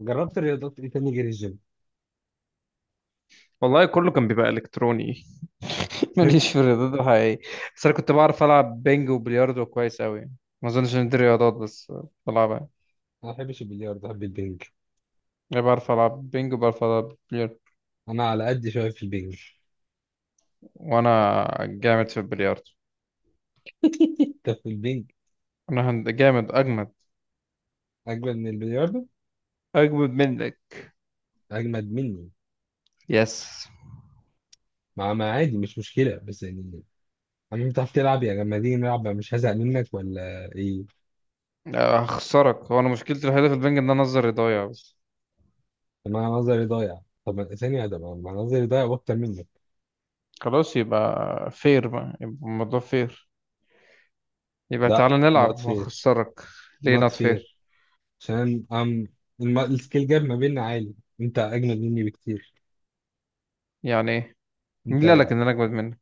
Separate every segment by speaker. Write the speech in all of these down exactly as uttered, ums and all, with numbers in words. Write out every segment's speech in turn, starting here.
Speaker 1: جربت الرياضات ايه تاني غير الجيم؟
Speaker 2: والله كله كان بيبقى الكتروني.
Speaker 1: انا
Speaker 2: ماليش في الرياضات الحقيقية. بس انا كنت بعرف العب بينج وبلياردو كويس اوي يعني. ما اظنش ان دي رياضات، بس بلعبها يعني.
Speaker 1: ما بحبش البلياردو، بحب البنج.
Speaker 2: أنا بعرف العب بينج وبعرف العب بلياردو،
Speaker 1: انا على قد شويه في البنج.
Speaker 2: وانا جامد في البلياردو.
Speaker 1: انت في البنج
Speaker 2: انا هند- جامد، اجمد
Speaker 1: اجمد من البلياردو.
Speaker 2: اجمد منك.
Speaker 1: اجمد مني.
Speaker 2: يس.
Speaker 1: مع ما عادي، مش مشكله بس يعني. اما انت بتعرف تلعب يعني لما تيجي نلعب، مش هزهق منك ولا ايه؟
Speaker 2: هخسرك. هو انا مشكلتي الوحيدة في البنج ان انا نظري ضايع بس.
Speaker 1: طب انا نظري ضايع، طب ثانيه، ده ما أنا نظري ضايع واكتر منك.
Speaker 2: خلاص، يبقى فير بقى، يبقى الموضوع فير. يبقى
Speaker 1: لا
Speaker 2: تعالى
Speaker 1: نوت
Speaker 2: نلعب
Speaker 1: فير.
Speaker 2: وهخسرك. ليه
Speaker 1: نوت
Speaker 2: نوت فير؟
Speaker 1: فير عشان ام الم- السكيل جاب ما بيننا عالي. انت اجمد مني بكتير.
Speaker 2: يعني ايه؟ مين
Speaker 1: انت
Speaker 2: اللي قالك ان انا اجمد منك؟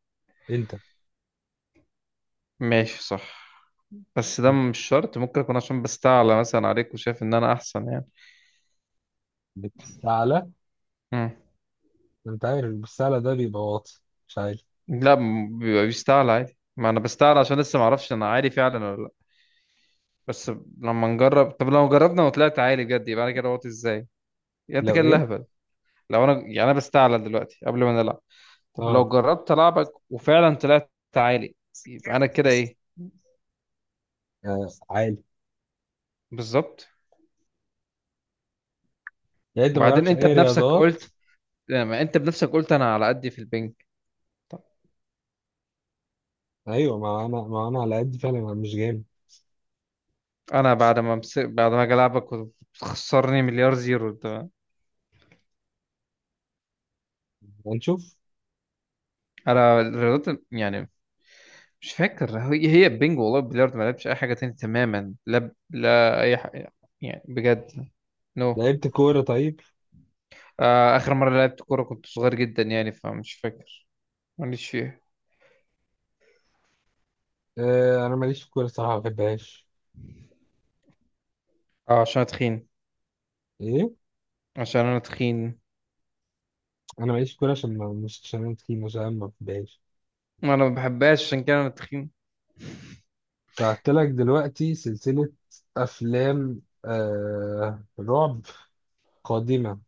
Speaker 1: انت
Speaker 2: ماشي، صح. بس ده مش شرط، ممكن أكون عشان بستعلى مثلا عليك وشايف إن أنا أحسن يعني.
Speaker 1: بتستعلى.
Speaker 2: مم.
Speaker 1: انت عارف السهلة ده بيبقى واطي، مش عالي.
Speaker 2: لا، م- بيبقى بيستعلى عادي، ما أنا بستعلى عشان لسه معرفش أنا عالي فعلا ولا لأ. بس لما نجرب، طب لو جربنا وطلعت عالي بجد، يبقى أنا كده وطي إزاي؟ يعني أنت
Speaker 1: لو
Speaker 2: كده
Speaker 1: ايه؟
Speaker 2: لهبل. لو أنا يعني أنا بستعلى دلوقتي قبل ما نلعب، طب
Speaker 1: اه.
Speaker 2: لو جربت ألعبك وفعلا طلعت عالي، يبقى أنا كده إيه؟
Speaker 1: آه، عالي.
Speaker 2: بالظبط.
Speaker 1: يعني انت ما
Speaker 2: وبعدين
Speaker 1: جربتش
Speaker 2: أنت
Speaker 1: اي
Speaker 2: بنفسك
Speaker 1: رياضات.
Speaker 2: قلت، ما أنت بنفسك قلت أنا على قدي في البنج.
Speaker 1: ايوه، ما انا ما انا على قد فعلا، انا مش جامد.
Speaker 2: أنا بعد ما مس... بعد ما أجي ألعبك وتخسرني مليار زيرو.
Speaker 1: هنشوف.
Speaker 2: انا الرياضات يعني مش فاكر، هي هي البنج والله بلياردو، ما لعبتش اي حاجه تاني تماما، لا لا اي حاجه. يعني بجد. نو no.
Speaker 1: لعبت كوره طيب.
Speaker 2: آه، اخر مره لعبت كوره كنت صغير جدا يعني فمش فاكر. ماليش فيها.
Speaker 1: آه، انا ماليش في الكوره الصراحه، ما بحبهاش.
Speaker 2: اه عشان أنا تخين.
Speaker 1: ايه؟
Speaker 2: عشان انا تخين.
Speaker 1: انا ماليش في الكوره عشان ما مش عشان انا تخين، عشان أنا ما بحبهاش.
Speaker 2: انا ما بحبهاش عشان كده انا تخين.
Speaker 1: بعت لك دلوقتي سلسله افلام آه رعب قادمه.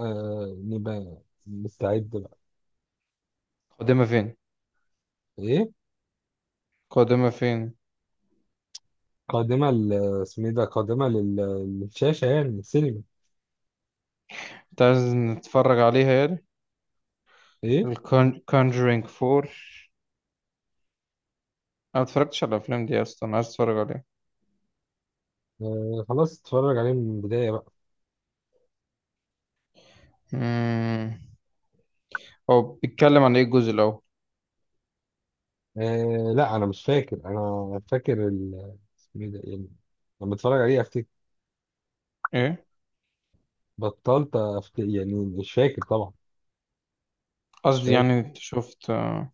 Speaker 1: آه، نبقى مستعد بقى.
Speaker 2: قدامها فين؟
Speaker 1: ايه؟
Speaker 2: قدامها فين؟
Speaker 1: قادمة ل، اسمه إيه ده، قادمة لل- للشاشة يعني السينما.
Speaker 2: انت عايز نتفرج عليها يعني
Speaker 1: إيه؟
Speaker 2: الكونجرينج فور؟ انا ما اتفرجتش على الافلام دي اصلا، عايز اتفرج عليها.
Speaker 1: آه، خلاص اتفرج عليه من البداية بقى.
Speaker 2: امم. هو بيتكلم عن ايه الجزء الاول؟
Speaker 1: آه، لا أنا مش فاكر، أنا فاكر ال- اسمه إيه ده يعني، لما اتفرج عليه أفتكر.
Speaker 2: ايه؟
Speaker 1: بطلت أفتكر يعني، مش فاكر طبعا. مش
Speaker 2: قصدي
Speaker 1: فاكر.
Speaker 2: يعني انت شفت؟ آه،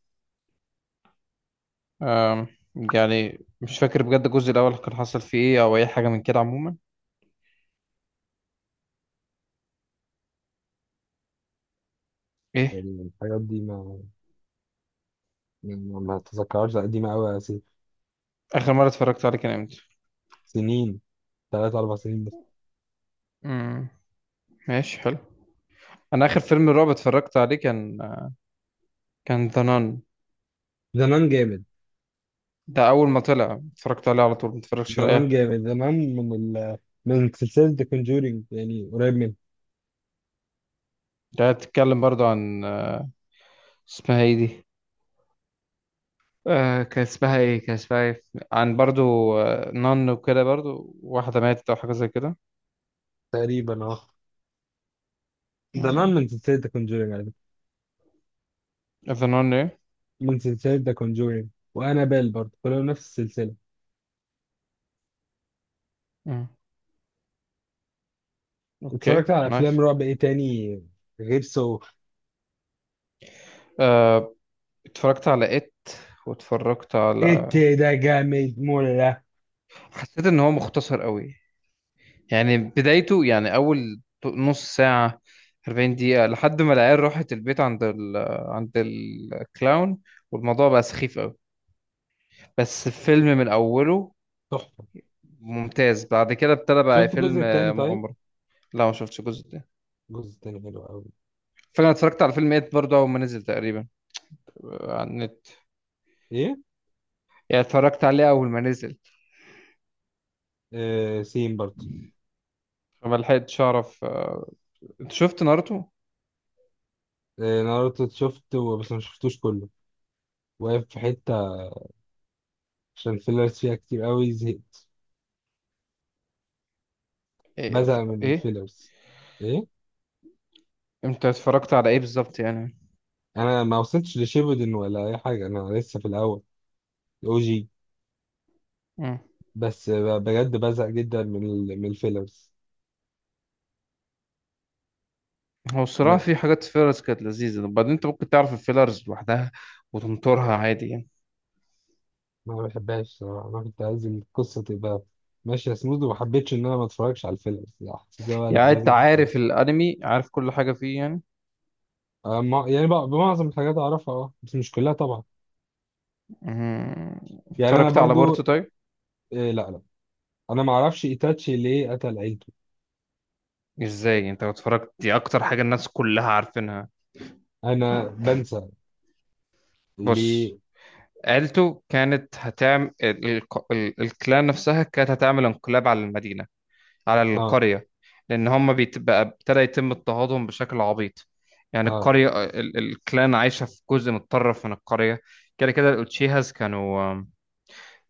Speaker 2: آم، يعني مش فاكر بجد الجزء الأول كان حصل فيه ايه أو أي حاجة من كده عموما. ايه؟
Speaker 1: يعني الحاجات دي، ما يعني ما أتذكرهاش لأ، قديمة أوي س-
Speaker 2: آخر مرة اتفرجت عليه كان امتى؟
Speaker 1: سنين. تلات اربع سنين بس.
Speaker 2: امم. ماشي، حلو. أنا آخر فيلم رعب اتفرجت عليه كان كان ذا نان.
Speaker 1: زمان جامد.
Speaker 2: ده أول ما طلع اتفرجت عليه على طول، متفرجش على أي
Speaker 1: زمان
Speaker 2: حاجة.
Speaker 1: جامد، زمان من ال من سلسلة ذا كونجورينج يعني، قريب من.
Speaker 2: ده بتتكلم برضو عن آه، اسمها ايه دي؟ آه كان اسمها ايه، كان اسمها ايه؟ عن برضو آه، نان وكده، برضو واحدة ماتت أو حاجة زي كده.
Speaker 1: تقريبا، اه. زمان
Speaker 2: امم.
Speaker 1: من سلسلة ذا كونجورينج.
Speaker 2: ذا نان ايه؟
Speaker 1: من سلسلة ذا كونجورينج وأنابيل برضه، كلهم نفس السلسلة.
Speaker 2: مم.
Speaker 1: اتفرجت
Speaker 2: اوكي،
Speaker 1: على أفلام
Speaker 2: نايس.
Speaker 1: رعب إيه تاني غير سو.
Speaker 2: آه، اتفرجت على ات، واتفرجت على،
Speaker 1: إت ده جامد مولا.
Speaker 2: حسيت ان هو مختصر قوي. يعني بدايته يعني اول نص ساعة، اربعين دقيقة لحد ما العيال راحت البيت عند ال... عند الكلاون، والموضوع بقى سخيف قوي. بس الفيلم من اوله
Speaker 1: تحفة.
Speaker 2: ممتاز، بعد كده ابتدى بقى
Speaker 1: شفت
Speaker 2: فيلم
Speaker 1: الجزء التاني طيب؟
Speaker 2: مغامرة. لا ما شفتش الجزء ده.
Speaker 1: الجزء التاني حلو أوي.
Speaker 2: فاكر انا اتفرجت على فيلم ات برضه اول ما نزل تقريبا، آه، على النت.
Speaker 1: إيه؟
Speaker 2: يعني اتفرجت عليه اول ما نزل،
Speaker 1: آه، سيم برضه.
Speaker 2: فما لحقتش اعرف آه، انت شفت ناruto؟
Speaker 1: آه، ناروتو شفته بس ما شفتوش كله. واقف في حتة عشان الفيلرز فيها كتير أوي، زهقت.
Speaker 2: ايه؟
Speaker 1: بزهق من
Speaker 2: إيه؟
Speaker 1: الفيلرز. إيه؟
Speaker 2: انت اتفرجت على ايه بالظبط يعني؟
Speaker 1: أنا ما وصلتش لشيبودن ولا أي حاجة، أنا لسه في الأول، الأو جي.
Speaker 2: مم.
Speaker 1: بس آه، بجد بزهق جدا من ال- من الفيلرز.
Speaker 2: هو الصراحة في حاجات فيلرز كانت لذيذة، وبعدين انت ممكن تعرف الفيلرز لوحدها وتنطرها عادي يعني.
Speaker 1: ما بحبهاش الصراحة، أنا كنت عايز القصة تبقى ماشية سموث، وما حبيتش إن أنا ما أتفرجش على الفيلم الصراحة، حسيت اللي هو لأ،
Speaker 2: يعني انت
Speaker 1: لازم أشوف كلها.
Speaker 2: عارف الانمي، عارف كل حاجة فيه يعني.
Speaker 1: آه، مع- يعني بقى بمعظم الحاجات أعرفها، أه بس مش كلها طبعا.
Speaker 2: مم.
Speaker 1: يعني أنا
Speaker 2: اتفرجت على بورتو
Speaker 1: برضو.
Speaker 2: طيب؟
Speaker 1: إيه؟ لأ، لأ. أنا ما أعرفش إيتاتشي ليه قتل عيلته.
Speaker 2: ازاي انت لو اتفرجت، دي اكتر حاجة الناس كلها عارفينها.
Speaker 1: أنا بنسى.
Speaker 2: بص،
Speaker 1: ليه؟
Speaker 2: عيلته كانت هتعمل ال... ال... ال... الكلان نفسها كانت هتعمل انقلاب على المدينة، على
Speaker 1: أه.
Speaker 2: القرية. لأن هم بيت- بقى ابتدى يتم اضطهادهم بشكل عبيط. يعني
Speaker 1: أه.
Speaker 2: القرية ال- الكلان عايشة في جزء متطرف من القرية. كده كده الأوتشيهاس كانوا،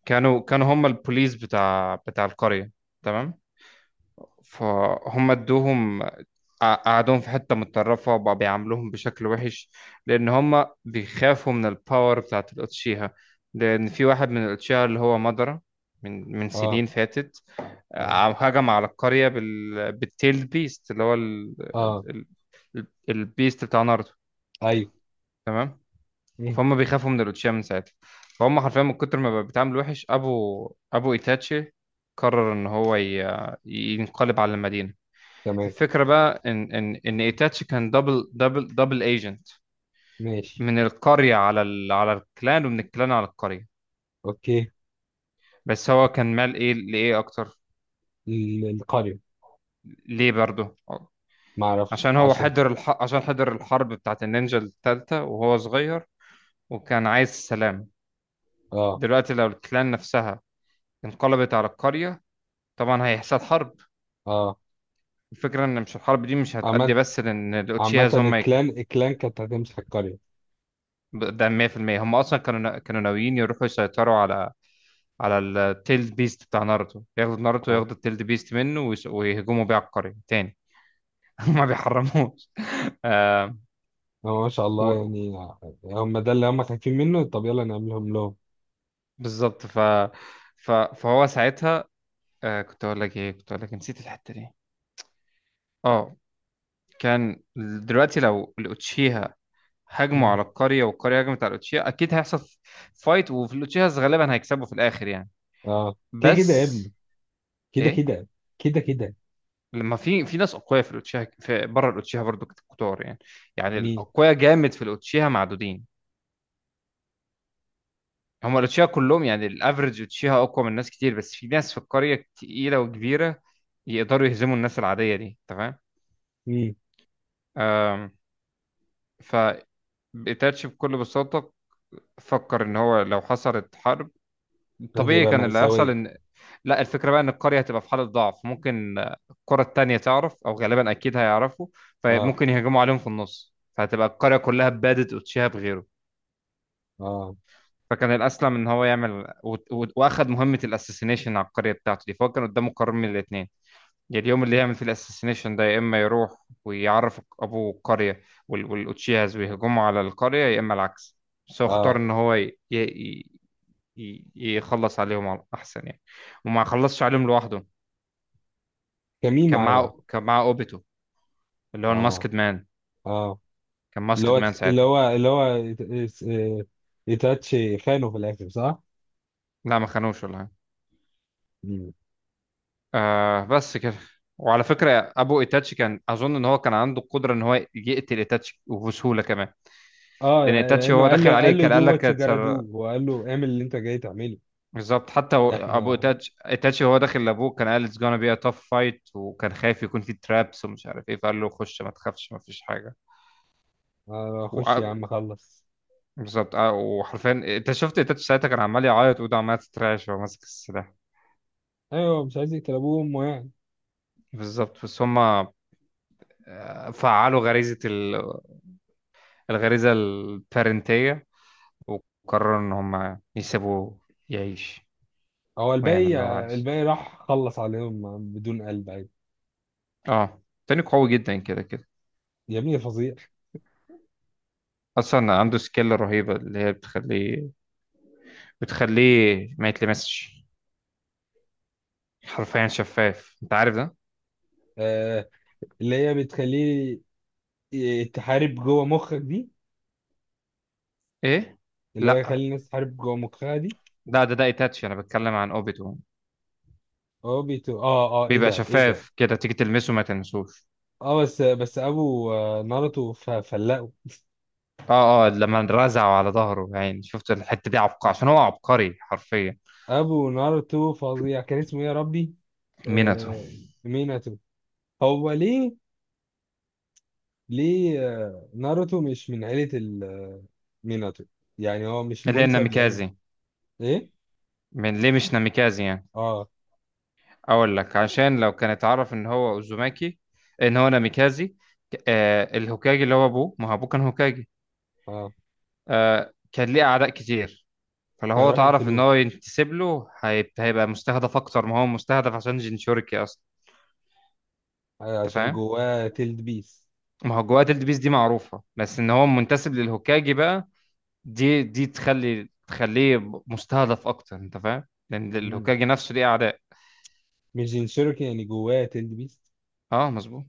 Speaker 2: كانوا كانوا هم البوليس بتاع بتاع القرية، تمام؟ فهم ادوهم، قع- قعدوهم في حتة متطرفة وبقى بيعاملوهم بشكل وحش. لأن هم بيخافوا من الباور بتاعت الأوتشيها. لأن في واحد من الأوتشيها اللي هو مدرة، من من
Speaker 1: أه.
Speaker 2: سنين فاتت
Speaker 1: أه.
Speaker 2: عم هجم على القرية بال... بالتيلد بيست اللي هو ال...
Speaker 1: أه.
Speaker 2: ال... البيست بتاع ناروتو،
Speaker 1: أيوه.
Speaker 2: تمام.
Speaker 1: مم،
Speaker 2: فهم بيخافوا من الأوتشيما من ساعتها. فهم حرفيا من كتر ما بقى بيتعامل وحش، أبو أبو إيتاتشي قرر إن هو ي... ينقلب على المدينة.
Speaker 1: تمام.
Speaker 2: الفكرة بقى إن إن إن إيتاتشي كان دبل دبل دبل ايجنت،
Speaker 1: ماشي.
Speaker 2: من القرية على ال... على الكلان ومن الكلان على القرية.
Speaker 1: أوكي.
Speaker 2: بس هو كان مال إيه لإيه أكتر؟
Speaker 1: ال- القرية.
Speaker 2: ليه برضه؟
Speaker 1: ما أعرفش
Speaker 2: عشان هو
Speaker 1: عشان.
Speaker 2: حضر الح... عشان حضر الحرب بتاعت النينجا التالتة وهو صغير، وكان عايز السلام.
Speaker 1: أه.
Speaker 2: دلوقتي لو الكلان نفسها انقلبت على القرية، طبعا هيحصل حرب.
Speaker 1: أه.
Speaker 2: الفكرة ان مش الحرب دي مش هتأدي
Speaker 1: عامة،
Speaker 2: بس، لان
Speaker 1: عامة
Speaker 2: الاوتشياز هم يك-
Speaker 1: الكلان الكلان كانت هتمسح القرية.
Speaker 2: ده مية في المية هم اصلا كانوا كانوا ناويين يروحوا يسيطروا على، على التيلد بيست بتاع ناروتو، ياخدوا ناروتو،
Speaker 1: أه.
Speaker 2: ياخدوا التيلد بيست منه ويس- ويهجموا بيه على القرية تاني. ما بيحرموش. آه...
Speaker 1: هو ما شاء الله
Speaker 2: و...
Speaker 1: يعني. هم ده اللي هم خايفين منه، طب يلا نعملهم لهم.
Speaker 2: بالظبط ف... ف... فهو ساعتها، آه كنت اقول لك ايه، كنت اقول لك نسيت الحتة دي. اه، كان، دلوقتي لو الاوتشيها هجموا
Speaker 1: مم.
Speaker 2: على القرية والقرية هجمت على الاوتشيها، اكيد هيحصل فايت، وفي الاوتشيها غالبا هيكسبوا في الاخر يعني.
Speaker 1: اه، كده كده يا
Speaker 2: بس
Speaker 1: ابني. كده
Speaker 2: ايه،
Speaker 1: كده. كده كده.
Speaker 2: لما في في ناس اقوياء في الاوتشيها، في بره الاوتشيها برضو كتار يعني. يعني
Speaker 1: مين؟
Speaker 2: الاقوياء جامد في الاوتشيها معدودين. هم الاوتشيها كلهم يعني الافرج اوتشيها اقوى من ناس كتير، بس في ناس في القرية تقيلة وكبيرة يقدروا يهزموا الناس العادية دي، تمام.
Speaker 1: مين؟
Speaker 2: آم، ف بتاتش بكل بساطة فكر ان هو لو حصلت حرب، طبيعي
Speaker 1: هتبقى
Speaker 2: كان اللي هيحصل
Speaker 1: مأساوية.
Speaker 2: ان، لا الفكره بقى ان القريه هتبقى في حاله ضعف، ممكن القرى التانية تعرف او غالبا اكيد هيعرفوا،
Speaker 1: اه.
Speaker 2: فممكن يهجموا عليهم في النص، فهتبقى القريه كلها بادت اوتشيها بغيره.
Speaker 1: اه.
Speaker 2: فكان الاسلم ان هو يعمل و... و... واخد مهمه الاساسينيشن على القريه بتاعته دي. فهو كان قدامه قرار من الاثنين، يا اليوم اللي يعمل فيه الاساسينيشن ده، يا اما يروح ويعرف ابو القريه وال... والاوتشيهاز ويهجموا على القريه، يا اما العكس. بس هو اختار
Speaker 1: اه.
Speaker 2: ان هو ي... ي... ي- يخلص عليهم على- احسن يعني. وما خلصش عليهم لوحده،
Speaker 1: كمين
Speaker 2: كان
Speaker 1: معاه بقى.
Speaker 2: معاه كان معاه اوبيتو اللي هو
Speaker 1: اه.
Speaker 2: الماسكد مان،
Speaker 1: اه.
Speaker 2: كان
Speaker 1: اللي
Speaker 2: ماسكد
Speaker 1: هو تخ-
Speaker 2: مان
Speaker 1: اللي
Speaker 2: ساعتها.
Speaker 1: هو اللي هو يت- يس- آه، يتاتش خانه في الاخر، صح؟
Speaker 2: لا ما خانوش ولا حاجه.
Speaker 1: مم.
Speaker 2: آه بس كده. وعلى فكره ابو ايتاتشي كان اظن ان هو كان عنده القدره ان هو يقتل ايتاتشي وبسهوله كمان.
Speaker 1: اه،
Speaker 2: لان ايتاتشي
Speaker 1: لانه
Speaker 2: هو
Speaker 1: قال
Speaker 2: داخل
Speaker 1: له
Speaker 2: عليه
Speaker 1: قال له
Speaker 2: كان قال
Speaker 1: دو
Speaker 2: لك
Speaker 1: وات يو جارا
Speaker 2: هتسر-
Speaker 1: دو، وقال له اعمل اللي انت جاي تعمله.
Speaker 2: بالظبط. حتى هو- ابو
Speaker 1: احنا.
Speaker 2: ايتاتشي، ايتاتشي هو داخل لابوه، كان قال اتس جونا بي ا تاف فايت، وكان خايف يكون في ترابس ومش عارف ايه، فقال له خش ما تخافش، ما فيش حاجه.
Speaker 1: آه، خش يا عم، خلص.
Speaker 2: بالظبط. اه وحرفيا انت شفت تاتش ساعتها كان عمال يعيط وايده عماله تترعش وهو ماسك السلاح.
Speaker 1: ايوه، مش عايز يقتل ابوه وامه.
Speaker 2: بالظبط. بس هما آه، فعلوا غريزة ال- الغريزة البارنتية وقرروا ان هما يسيبوه يعيش
Speaker 1: هو
Speaker 2: ويعمل
Speaker 1: الباقي.
Speaker 2: اللي هو عايزه.
Speaker 1: الباقي راح خلص عليهم بدون قلب، عادي.
Speaker 2: اه تاني قوي جدا كده كده.
Speaker 1: يا ابني فظيع.
Speaker 2: اصلا عنده سكيل رهيبة اللي هي بتخليه، بتخليه ما يتلمسش، حرفيا شفاف، انت عارف ده.
Speaker 1: آه. اللي هي بتخليه ي- تحارب جوه مخك دي.
Speaker 2: ايه؟
Speaker 1: اللي هو
Speaker 2: لا
Speaker 1: يخلي الناس تحارب جوه مخها دي.
Speaker 2: لا، ده ده ايتاتشي، انا بتكلم عن اوبيتو.
Speaker 1: هو بيتو، اه، اه، ايه
Speaker 2: بيبقى
Speaker 1: ده ايه ده.
Speaker 2: شفاف كده، تيجي تلمسه ما تلمسوش.
Speaker 1: اه، بس بس ابو آه، ناروتو ف- فلقه.
Speaker 2: اه اه لما رزعوا على ظهره يعني، شفت الحتة دي، عبقري
Speaker 1: آه،
Speaker 2: عشان هو عبقري حرفيا.
Speaker 1: ابو ناروتو فظيع، كان اسمه ايه يا ربي.
Speaker 2: ميناتو.
Speaker 1: آه. ميناتو. هو ليه؟ ليه؟ آه، ناروتو مش من عيلة ال- ميناتو. يعني هو مش
Speaker 2: اللي هي
Speaker 1: منسب لعيلة.
Speaker 2: الناميكازي.
Speaker 1: ايه؟
Speaker 2: من ليه مش ناميكازي يعني؟
Speaker 1: اه.
Speaker 2: اقول لك، عشان لو كان اتعرف ان هو اوزوماكي، ان هو ناميكازي، ك- آه الهوكاجي اللي هو ابوه، ما هو ابوه كان هوكاجي،
Speaker 1: اه.
Speaker 2: آه كان ليه اعداء كتير. فلو هو
Speaker 1: كانوا راح
Speaker 2: اتعرف ان
Speaker 1: يقتلوه.
Speaker 2: هو ينتسب له، هيب- هيبقى مستهدف اكتر ما هو مستهدف عشان جينشوريكي اصلا.
Speaker 1: أيوة،
Speaker 2: انت
Speaker 1: عشان
Speaker 2: فاهم؟
Speaker 1: جواه تيلد بيست.
Speaker 2: ما هو جوات البيس دي معروفة، بس ان هو منتسب للهوكاجي بقى، دي دي تخلي تخليه مستهدف اكتر، انت فاهم، لان
Speaker 1: مم.
Speaker 2: الهوكاجي نفسه ليه اعداء.
Speaker 1: مش جين شيركي يعني جواه تيلد بيست.
Speaker 2: اه مظبوط.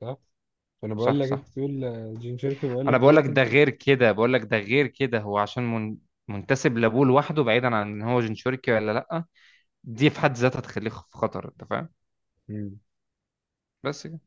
Speaker 1: صح. فانا بقول
Speaker 2: صح
Speaker 1: لك
Speaker 2: صح.
Speaker 1: انت تقول آه، جين شيركي، بقول لك
Speaker 2: انا بقول
Speaker 1: جواه
Speaker 2: لك
Speaker 1: تيلد
Speaker 2: ده
Speaker 1: بيست.
Speaker 2: غير كده، بقول لك ده غير كده، هو عشان من منتسب لابوه لوحده، بعيدا عن ان هو جنشوريكي ولا لا، دي في حد ذاتها تخليه في خطر، انت فاهم.
Speaker 1: مم.
Speaker 2: بس كده.